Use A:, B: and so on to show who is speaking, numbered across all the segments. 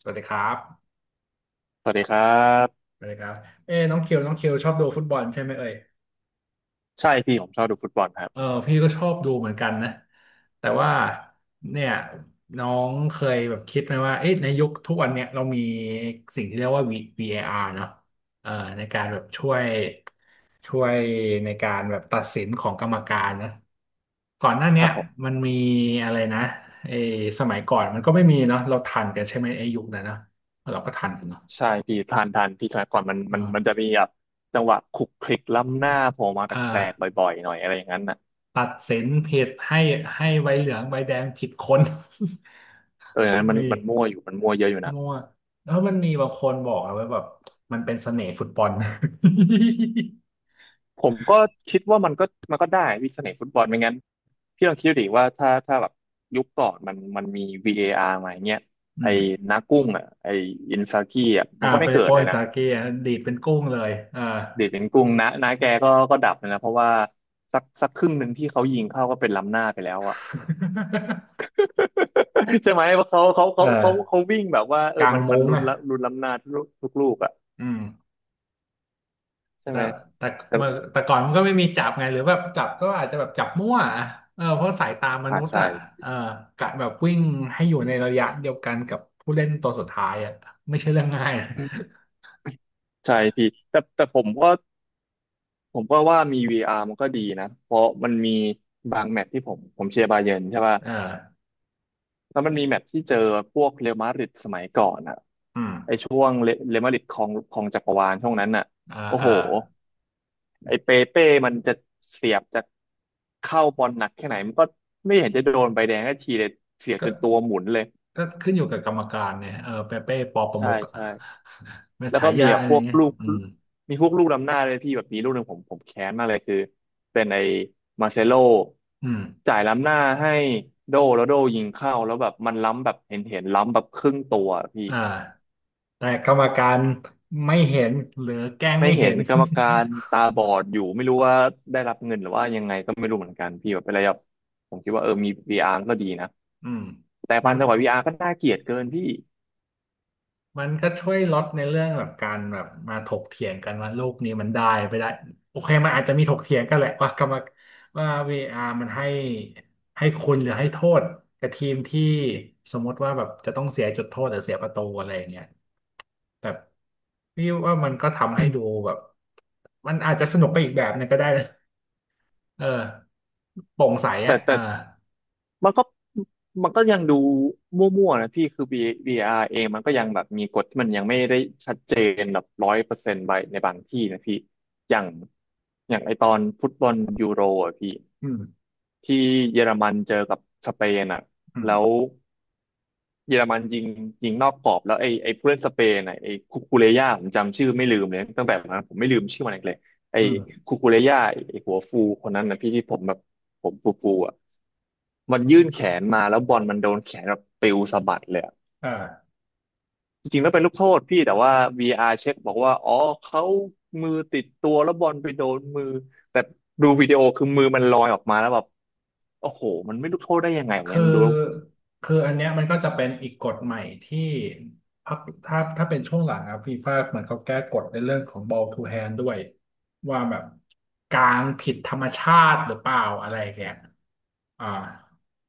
A: สวัสดีครับ
B: สวัสดีครับ
A: ไัสดีครับเอ้น้องเคียวชอบดูฟุตบอลใช่ไหมเอ่ย
B: ใช่พี่ผมชอบดูฟุตบอลครับ
A: เออพี่ก็ชอบดูเหมือนกันนะแต่ว่าเนี่ยน้องเคยแบบคิดไหมว่าเอ๊ะในยุคทุกวันเนี่ยเรามีสิ่งที่เรียกว่า VAR เออาร์เนาะเออในการแบบช่วยในการแบบตัดสินของกรรมการนะก่อนหน้า
B: ค
A: เนี้
B: รั
A: ย
B: บผ
A: มั
B: ม
A: นมีอะไรนะไอ้สมัยก่อนมันก็ไม่มีเนาะเราทันกันใช่ไหมไอ้ยุคนั้นเนาะเราก็ทันกันเนาะ
B: ใช่พี่ทานทานพี่สมัยก่อนมันจะมีแบบจังหวะคลุกคลิกล้ำหน้าโผล่มา
A: อ
B: แปลกๆ
A: ่า
B: บ่อยๆหน่อยอะไรอย่างนั้นน่ะ
A: ตัดสินผิดให้ใบเหลืองใบแดงผิดคน
B: เอออันนั้ นมัน
A: มี
B: มันมั่วอยู่มันมั่วเยอะอยู่นะ
A: มั่วแล้วมันมีบางคนบอกอะว่าแบบมันเป็นเสน่ห์ฟุตบอล
B: ผมก็คิดว่ามันก็มันก็ได้วิเสน่ห์ฟุตบอลไม่งั้นพี่ลองคิดดูดิว่าถ้าแบบยุคก่อนมันมันมี VAR มาอย่างเงี้ย
A: อื
B: ไอ้
A: ม
B: นากุ้งอ่ะไอ้อินซากิอ่ะมั
A: อ่า
B: นก็ไม่
A: ไป
B: เกิ
A: โป
B: ด
A: ร
B: เล
A: ย
B: ยนะ
A: สาเกอะดีดเป็นกุ้งเลยอ่า
B: เดชเป็นกุ้งนะนาแกก็ดับเลยนะเพราะว่าสักสักครึ่งหนึ่งที่เขายิงเข้าก็เป็นล้ำหน้าไปแล้วอ่ะ ใช่ไหมเพราะเขาเขา
A: เ
B: เขาเขา
A: ออ
B: เขาวิ่งแบบว่าเอ
A: ก
B: อ
A: ลาง
B: มันมัน
A: มุ้ง
B: ลุ้น
A: อ่ะ
B: ละลุ้นล้ำหน้าทุกทุกลูกอ่ะ
A: อืม
B: ใช่
A: แต่
B: ไหม
A: แต่
B: แต่
A: เมื่อแต่ก่อนมันก็ไม่มีจับไงหรือแบบจับก็อาจจะแบบจับมั่วอะเออเพราะสายตาม
B: อ่า
A: นุษย์
B: ใช่
A: อ่ะเออกะแบบวิ่งให้อยู่ในระยะเดียวกันกับผู้เล่นตัวสุดท้ายอ่ะไม่ใช่เรื่องง่ายนะ
B: ใช่พี่แต่ผมก็ผมก็ว่ามี VR มันก็ดีนะเพราะมันมีบางแมตช์ที่ผมเชียร์บาเยิร์นใช่ป่ะ
A: เออ
B: แล้วมันมีแมตช์ที่เจอพวกเรอัลมาดริดสมัยก่อนอ่ะ
A: อืม
B: ไอช่วงเรเรอัลมาดริดครองครองจักรวาลช่วงนั้นอ่ะ
A: อ่า
B: โอ้
A: อ่า
B: โห ไอ้เปเป้มันจะเสียบจะเข้าบอลหนักแค่ไหนมันก็ไม่เห็นจะโดนใบแดงสักทีเลยเสียบ
A: ก็
B: จนตัวหมุนเลย
A: ก็ขึ้นอยู่กับกรรมการเนี่ยเออเปเป้ปอประ
B: ใช่
A: มุกอะ
B: ใช่
A: มัน
B: แล้ว
A: ฉา
B: ก็มี
A: ยา
B: แบบ
A: อะไร
B: พวก
A: เงี้ย
B: ลูก
A: อืม
B: มีพวกลูกล้ำหน้าเลยพี่แบบมีลูกหนึ่งผมแค้นมากเลยคือเป็นไอ้มาเซโล
A: อืม
B: จ่ายล้ำหน้าให้โดแล้วโดยิงเข้าแล้วแบบมันล้ำแบบเห็นล้ำแบบครึ่งตัวอะพี่
A: อ่าแต่กรรมการไม่เห็นหรือแกล้ง
B: ไม่
A: ไม่
B: เห็
A: เห็
B: น
A: น
B: กรรมการตาบอดอยู่ไม่รู้ว่าได้รับเงินหรือว่ายังไงก็ไม่รู้เหมือนกันพี่แบบเป็นอะไรแบบผมคิดว่าเออมี VR ก็ดีนะ
A: อืม
B: แต่
A: มั
B: พัน
A: น
B: ธวัา VR ก็น่าเกลียดเกินพี่
A: มันก็ช่วยลดในเรื่องแบบการแบบมาถกเถียงกันว่าลูกนี้มันได้ไปได้โอเคมันอาจจะมีถกเถียงกันแหละว่ากรรมว่าวีอาร์มันให้คุณหรือให้โทษกับทีมที่สมมติว่าแบบจะต้องเสียจุดโทษหรือเสียประตูอะไรอย่างเงี้ยแต่พี่ว่ามันก็ทำให้ดูแบบมันอาจจะสนุกไปอีกแบบหนึงก็ได้นะเออโปร่งใส
B: แต่
A: อ่ะเอ
B: แต่
A: อ
B: มันก็มันก็ยังดูมั่วๆนะพี่คือ VR เองมันก็ยังแบบมีกฎที่มันยังไม่ได้ชัดเจนแบบร้อยเปอร์เซนต์ไปในบางที่นะพี่อย่างอย่างไอตอนฟุตบอลยูโรอ่ะพี่
A: อืม
B: ที่เยอรมันเจอกับสเปนอ่ะ
A: อืม
B: แล้ว เยอรมันยิงยิงนอกกรอบแล้วไอ้ผู้เล่นสเปนน่ะไอ้คุคูเรย่าผมจำชื่อไม่ลืมเลยตั้งแต่วันนั้นผมไม่ลืมชื่อมันอีกเลยไอ้
A: อืม
B: คุคูเรย่าไอ้หัวฟูคนนั้นนะพี่ที่ผมแบบผมฟูฟูอ่ะมันยื่นแขนมาแล้วบอลมันโดนแขนแบบปลิวสะบัดเลยอะ
A: เออ
B: จริงๆแล้วเป็นลูกโทษพี่แต่ว่า VR เช็คบอกว่าอ๋อเขามือติดตัวแล้วบอลไปโดนมือแต่ดูวิดีโอคือมือมันลอยออกมาแล้วแบบโอ้โหมันไม่ลูกโทษได้ยังไงอย่าง
A: คื
B: เงี้ย
A: อ
B: ดูแล้ว
A: คืออันเนี้ยมันก็จะเป็นอีกกฎใหม่ที่พักถ้าเป็นช่วงหลังอะฟีฟ่าเหมือนเขาแก้กฎในเรื่องของ ball to hand ด้วยว่าแบบกลางผิดธรรมชาติหรือเปล่าอะไรอย่างเงี้ยอ่า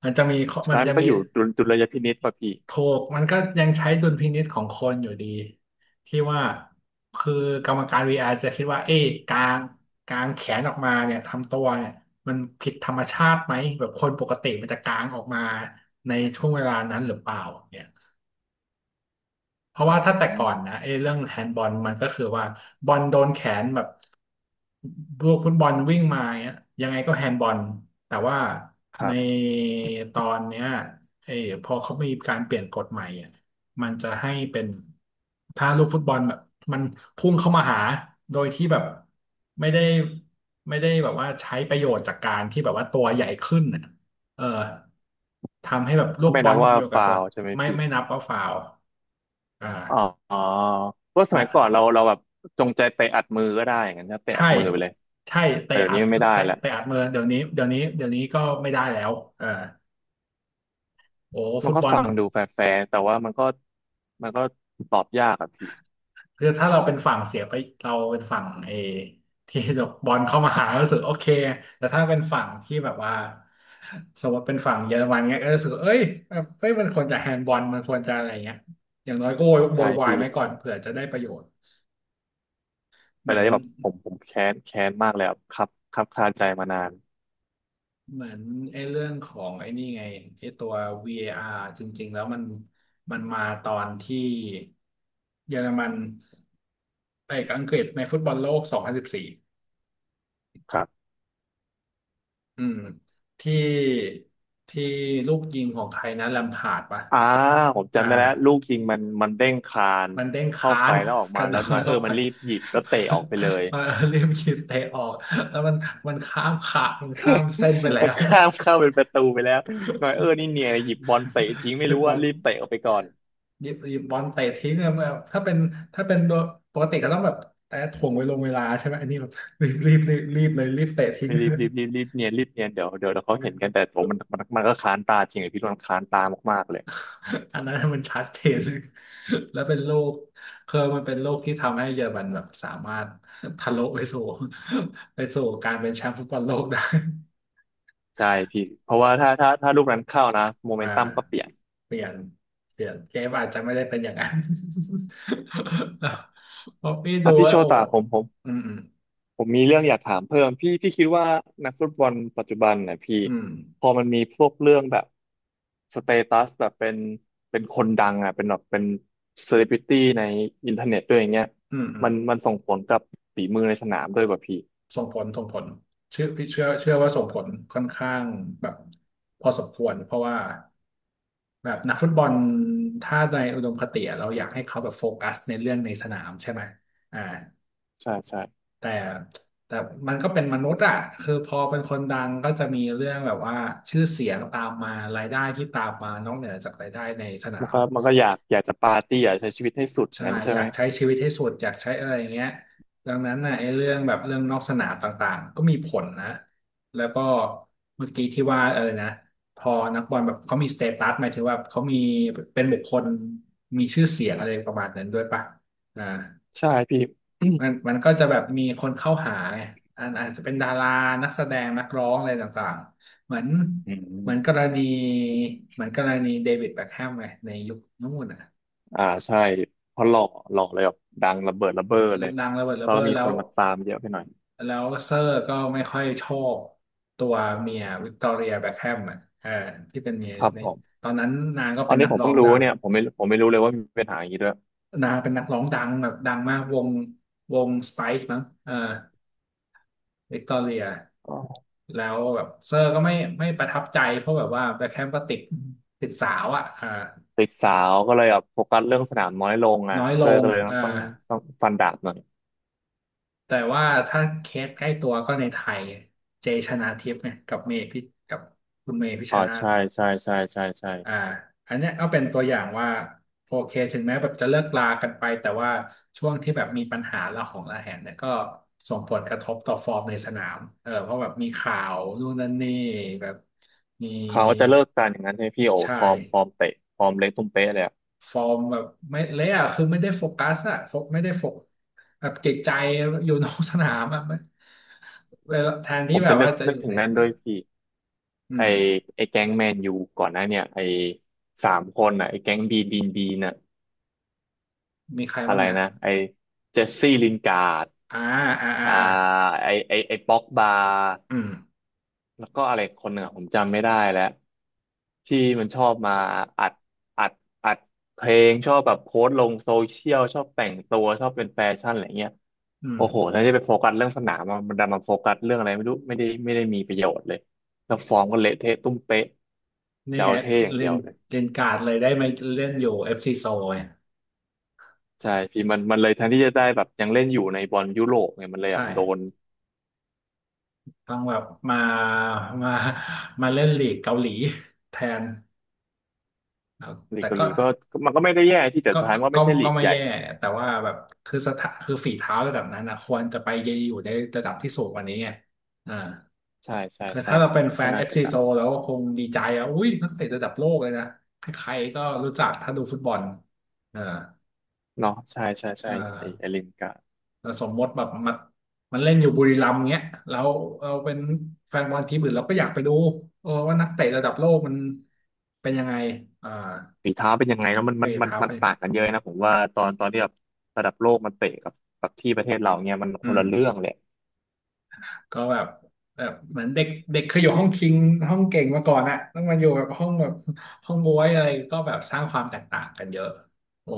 A: มันจะมีข้อ
B: สุด
A: มัน
B: ท้ายมั
A: จะ
B: นก็
A: มี
B: อยู่ดุลยพินิจป่ะพี่
A: ถูกมันก็ยังใช้ดุลพินิจของคนอยู่ดีที่ว่าคือกรรมการ VR จะคิดว่าเอ๊ะกางแขนออกมาเนี่ยทำตัวเนี่ยมันผิดธรรมชาติไหมแบบคนปกติมันจะกางออกมาในช่วงเวลานั้นหรือเปล่าเนี่ย เพราะว่าถ้าแต่ก่อนนะไอ้เรื่องแฮนด์บอลมันก็คือว่าบอลโดนแขนแบบลูกฟุตบอลวิ่งมาเงี้ยยังไงก็แฮนด์บอลแต่ว่า
B: ค
A: ใน
B: รับ
A: ตอนเนี้ยไอ้พอเขามีการเปลี่ยนกฎใหม่อ่ะมันจะให้เป็นถ้าลูกฟุตบอลแบบมันพุ่งเข้ามาหาโดยที่แบบไม่ได้ไม่ได้แบบว่าใช้ประโยชน์จากการที่แบบว่าตัวใหญ่ขึ้นอ่ะเออทำให้แบบลู
B: ก็
A: ก
B: ไม่
A: บอ
B: นับ
A: ล
B: ว่า
A: อยู่กับ
B: ฟา
A: ตัว
B: วล์ใช่ไหม
A: ไม่
B: พี่
A: ไม่นับว่าฟาวล์อ่า
B: อ๋อเพราะส
A: มา
B: มัยก่อนเราแบบจงใจเตะอัดมือก็ได้อย่างนั้นนะเตะอั
A: ใช่
B: ดมือไปเลย
A: ใช่เตะ
B: แต่เดี๋ยว
A: อั
B: นี้
A: ด
B: ไม่ได้
A: เตะ
B: แล้ว
A: เตะอัดมือเดี๋ยวนี้เดี๋ยวนี้เดี๋ยวนี้ก็ไม่ได้แล้วเออโอ้
B: มั
A: ฟุ
B: น
A: ต
B: ก็
A: บอล
B: ฟังดูแฟร์ๆแต่ว่ามันก็มันก็ตอบยากอะพี่
A: คือถ้าเราเป็นฝั่งเสียไปเราเป็นฝั่งเอที่บอลเข้ามาหารู้สึกโอเคแต่ถ้าเป็นฝั่งที่แบบว่าสมมติเป็นฝั่งเยอรมันเงี้ยก็รู้สึกว่าเอ้ยเอ้ยมันควรจะแฮนด์บอลมันควรจะอะไรเงี้ยอย่างน้อยก็โวยโว
B: ใช่
A: ยวาย
B: พี่
A: ไว้ก่อนเผื่อจะได้ประโยชน์เห
B: เป็นอะ
A: มือ
B: ไร
A: น
B: ที่แบบผมผมแค้นมากเลยอะครับครับคาใจมานาน
A: เหมือนไอ้เรื่องของไอ้นี่ไงไอ้ตัว VAR จริงๆแล้วมันมาตอนที่เยอรมันเตะกับอังกฤษในฟุตบอลโลก 2014องพันสิบสี่
B: ครับ
A: อืมที่ที่ลูกยิงของใครนะแลมพาร์ดปะ
B: อ่าผม
A: อ่า
B: จำได้แล้วลูกยิงมันเด้งคาน
A: มันเด้ง
B: เข้า
A: ค้า
B: ไป
A: น
B: แล้วออก
A: ก
B: มา
A: ระโด
B: แล้
A: ด
B: วน้อยเออ
A: เข้าไป
B: มันรีบหยิบแล้วเตะออกไปเลย
A: มาเรียมยิงเตะออกแล้วมันมันข้ามขามันข้ามเส้นไป แล้
B: มัน
A: ว
B: ข้ามเข้าเป็นประตูไปแล้วหน่อยเออ นี่เนียนหยิบบอลเตะทิ้งไม่รู้
A: บ
B: ว่า
A: อล
B: รีบเตะออกไปก่อน
A: หยิบบอลเตะทิ้งอะแบบถ้าเป็นโดยปกติก็ต้องแบบแต่ถ่วงไว้ลงเวลาใช่ไหมอันนี้แบบ รีบรีบรีบรีบเลยรีบเตะทิ้ง
B: รีบเนียนรีบเนียนเดี๋ยวเขาเห็นกันแต่ผมมันก็ค้านตาจริงเลยพี่มันค้านตามากๆเลย
A: อัน นั้นมันชัดเจน เลยแล้วเป็นโรคคือมันเป็นโรคที่ทำให้เยอรมันแบบสามารถทะลุไปสู่ ไปสู่การเป็นแชมป์ฟุตบอลโลกได้
B: ใช่พี่เพราะว่าถ้าลูกนั้นเข้านะโม เม
A: อ่า
B: นตัมก็เปลี่ยน
A: เปลี่ยนเปลี่ยนเกมอาจจะไม่ได้เป็นอย่างนั้น เพราะพี่ดู
B: อ่ะพี่
A: แล้
B: โช
A: โอ้
B: ตาผม
A: อืม
B: ผมมีเรื่องอยากถามเพิ่มพี่พี่คิดว่านักฟุตบอลปัจจุบันเนยพี่
A: อืม
B: พอมันมีพวกเรื่องแบบสเตตัสแบบเป็นเป็นคนดังอ่ะเป็นแบบเป็นเซเลบริตี้ในอินเทอร์เน็ตด้วยอย่างเงี้ย
A: อืมอืม
B: มันส่งผลกับฝีมือในสนามด้วยป่ะพี่
A: ส่งผลเชื่อพี่เชื่อว่าส่งผลค่อนข้างแบบพอสมควรเพราะว่าแบบนักฟุตบอลถ้าในอุดมคติอะเราอยากให้เขาแบบโฟกัสในเรื่องในสนามใช่ไหมอ่า
B: ใช่ใช่
A: แต่แต่มันก็เป็นมนุษย์อะคือพอเป็นคนดังก็จะมีเรื่องแบบว่าชื่อเสียงตามมารายได้ที่ตามมานอกเหนือจากรายได้ในสนา
B: มัน
A: ม
B: ก็มันก็อยากจะปาร์ตี้อยากใช้ชีวิตให้สุดอย่า
A: ใช่
B: งนั้นใช่
A: อยา
B: ไหม
A: กใช้ชีวิตให้สุดอยากใช้อะไรอย่างเงี้ยดังนั้นน่ะไอ้เรื่องแบบเรื่องนอกสนามต่างๆ ก็มีผลนะ แล้วก็เมื่อกี้ที่ว่าเออนะพอนักบอลแบบเขามีสเตตัสหมายถึงว่าเขามีเป็นบุคคลมีชื่อเสียงอะไรประมาณนั้นด้วยป่ะอ่า
B: ใช่พี่
A: มันมันก็จะแบบมีคนเข้าหาไงอันอาจจะเป็นดารานักแสดงนักร้องอะไรต่างๆ เหมือน
B: อื
A: เหมือนกร
B: ม
A: ณีเหมือนกรณีเดวิดแบ็คแฮมไงในยุคนู้นน่ะ
B: อ่าใช่เพราะหล่อเลยแบบดังระเบิดระเบ้อเลย
A: ดังระเบิดระ
B: แล้ว
A: เบ้
B: ก็
A: อ
B: มี
A: แล้
B: ค
A: ว
B: นมาตามเยอะไปหน่อย
A: แล้วเซอร์ก็ไม่ค่อยชอบตัวเมียวิกตอเรียแบ็คแฮมอ่ะเออที่เป็นเมีย
B: ครับ
A: ใน
B: ผม
A: ตอนนั้นนางก็
B: ตอ
A: เป็
B: น
A: น
B: นี้
A: นัก
B: ผม
A: ร้อ
B: เพิ่ง
A: ง
B: รู้
A: ดัง
B: เนี่ยผมไม่รู้เลยว่ามีปัญหาอย่างนี้ด้วย
A: นางเป็นนักร้องดังแบบดังมากวงวงสไปซ์มั้งเออวิกตอเรีย
B: อ๋อ
A: แล้วแบบเซอร์ก็ไม่ประทับใจเพราะแบบว่าแบ็คแฮมก็ติดติดสาวอ่ะอ่า
B: ติดสาวก็เลยแบบโฟกัสเรื่องสนามน้อยลงอ่ะ
A: น้อยล
B: เซอร์
A: ง
B: ก็เลย
A: อ่า
B: ต้องฟันดาบหน่อย
A: แต่ว่าถ้าเคสใกล้ตัวก็ในไทยเจชนาทิพย์ไงกับเมย์พิกับคุณเมย์พิชช
B: อ๋อ
A: นา
B: ใช่
A: ธิ์
B: ใช่ใช่ใช่ใช่
A: อ่าอันเนี้ยก็เป็นตัวอย่างว่าโอเคถึงแม้แบบจะเลิกลากันไปแต่ว่าช่วงที่แบบมีปัญหาระหองระแหงเนี่ยก็ส่งผลกระทบต่อฟอร์มในสนามเออเพราะแบบมีข่าวนู่นนั่นนี่แบบมี
B: เขาจะเลิกกันอย่างนั้นใช่ไหมพี่โอ้
A: ใชา
B: ฟอ
A: ย
B: ร์มฟอร์มเตะฟอร์มเล็กตุ้มเป๊ะเลยอะ
A: ฟอร์มแบบไม่เละอะคือไม่ได้โฟกัสอะโฟกไม่ได้โฟกแบบจิตใจอยู่นอกสนามอะไม่แล้วแทน
B: ผ
A: ที่
B: ม
A: แบ
B: จะ
A: บ
B: นึ
A: ว่า
B: ก
A: จะ
B: นึ
A: อ
B: ก
A: ยู่
B: ถึง
A: ใน
B: นั่
A: ส
B: น
A: นา
B: ด้วย
A: ม
B: พี่
A: อื
B: ไอ
A: ม
B: ไอแก๊งแมนยูก่อนหน้าเนี่ยไอสามคนอ่ะไอแก๊งบีบีนบีน่ะ
A: มีใคร
B: อะ
A: บ้าง
B: ไร
A: นะ
B: นะไอเจสซี่ลินการ์ด
A: อ่าอ่าอ่า
B: อ่า
A: อ่า
B: ไอป็อกบา
A: อืม
B: แล้วก็อะไรคนหนึ่งอะผมจำไม่ได้แล้วที่มันชอบมาอัดอัดอัดเพลงชอบแบบโพสต์ลงโซเชียลชอบแต่งตัวชอบเป็นแฟชั่นอะไรเงี้ย
A: อืม
B: โอ้โหแทนที่จะไปโฟกัสเรื่องสนามอะมันดันมาโฟกัสเรื่องอะไรไม่รู้ไม่ได้มีประโยชน์เลยแล้วฟอร์มก็เละเทะตุ้มเป๊ะ
A: นี่
B: จะ
A: ไง
B: เอาเท่อย่างเดี
A: เล่
B: ย
A: น
B: วเลย
A: เล่นการ์ดเลยได้มาเล่นอยู่ FC โซไง
B: ใช่พี่มันมันเลยแทนที่จะได้แบบยังเล่นอยู่ในบอลยุโรปไงมันเลย
A: ใช
B: แบบโดน
A: ่ต้องแบบมามามาเล่นลีกเกาหลี แทนแล้ว
B: ลี
A: แต่
B: กเกาห
A: ก็
B: ลีก็ก็มันก็ไม่ได้แย่ที่แต่
A: ก็
B: สุดท้ายมันก็
A: ก็
B: ไม่ใช่ลี
A: ก็
B: ก
A: ไม่
B: ใหญ่
A: แย่แต่ว่าแบบคือสถาคือฝีเท้าระดับนั้นนะควรจะไปอยู่ในระดับที่สูงกว่านี้ไงอ่า
B: ใช่ใช่
A: คือ
B: ใช่
A: ถ้าเรา
B: ใช่
A: เป็นแฟ
B: ก็
A: น
B: น่าเสีย
A: FC
B: ดา
A: โซ
B: ย
A: แล้วก็คงดีใจอ่ะอุ้ยนักเตะระดับโลกเลยนะใครๆก็รู้จักถ้าดูฟุตบอลอ่า
B: เนาะใช่
A: อ่า
B: ไอลินกับ
A: แล้วสมมติแบบมันมันเล่นอยู่บุรีรัมย์เงี้ยแล้วเราเป็นแฟนบอลทีมอื่นเราก็อยากไปดูเออว่านักเตะระดับโลกมันเป็นยังไงอ่า
B: ฝีเท้าเป็นยังไงแล้วมัน
A: ไป
B: มันมัน
A: เท้า
B: มั
A: ไป
B: นต่างกันเยอะนะผมว่าตอนที่แบบระดับโลกมันเตะกับกับที่ประเทศเราเนี่ยมันค
A: อื
B: น
A: ม
B: ละเรื่องเลย
A: ก็แบบแบบเหมือนเด็กเด็กเคยอยู่ห้องคิงห้องเก่งมาก่อนอะต้องมาอยู่แบบห้องแบบห้องบวยอะไรก็แบบสร้างความแตกต่างกันเยอะโอ้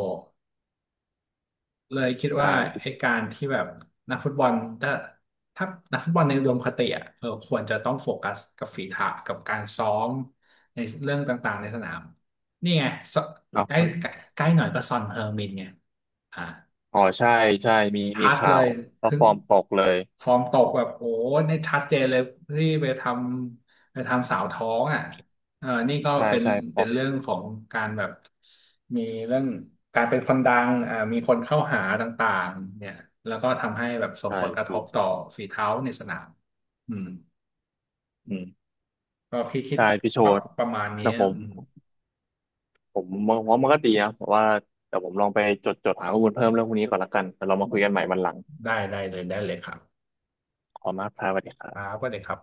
A: เลยคิดว่า
B: ใช่
A: ไอ้การที่แบบนักฟุตบอลถ้าถ้านักฟุตบอลในอุดมคติอ่ะเออควรจะต้องโฟกัสกับฝีเท้ากับการซ้อมในเรื่องต่างๆในสนามนี่ไงซ
B: เนาะ
A: ใกล้
B: มัน
A: ใกล้ใกล้หน่อยก็ซอนเฮอร์มินไงอ่า
B: อ๋อใช่ใช่มี
A: ชัด
B: ข่า
A: เล
B: ว
A: ย
B: แล้ว
A: ถึง
B: ฟอร์มตกเลย
A: ฟอร์มตกแบบโอ้ในชัดเจนเลยที่ไปทำไปทำสาวท้องอ่ะเออนี่ก็
B: ใช่
A: เป็น
B: ใช่พอ
A: เป็นเรื่องของการแบบ มีเรื่องการเป็นคนดังอ่ามีคนเข้าหาต่างๆเนี่ยแล้วก็ทำให้แบบส่ง
B: ใช่
A: ผลกระท
B: พี่
A: บต่อฝีเท้าในสนามอืม
B: อืม
A: ก็พี่คิด
B: ใช่พี่โช
A: ประ
B: ด
A: ประมาณนี้
B: แต่ผม
A: อืม
B: ผมมองว่ามันก็ดีนะแต่ว่าแต่ผมลองไปจดหาข้อมูลเพิ่มเรื่องพวกนี้ก่อนละกันแล้วเรามาคุยกันใหม่วันหลัง
A: ได้เลยได้เลยครับ
B: ขอบคุณมากครับสวัสดีครั
A: ครับ
B: บ
A: ก็เลยครับ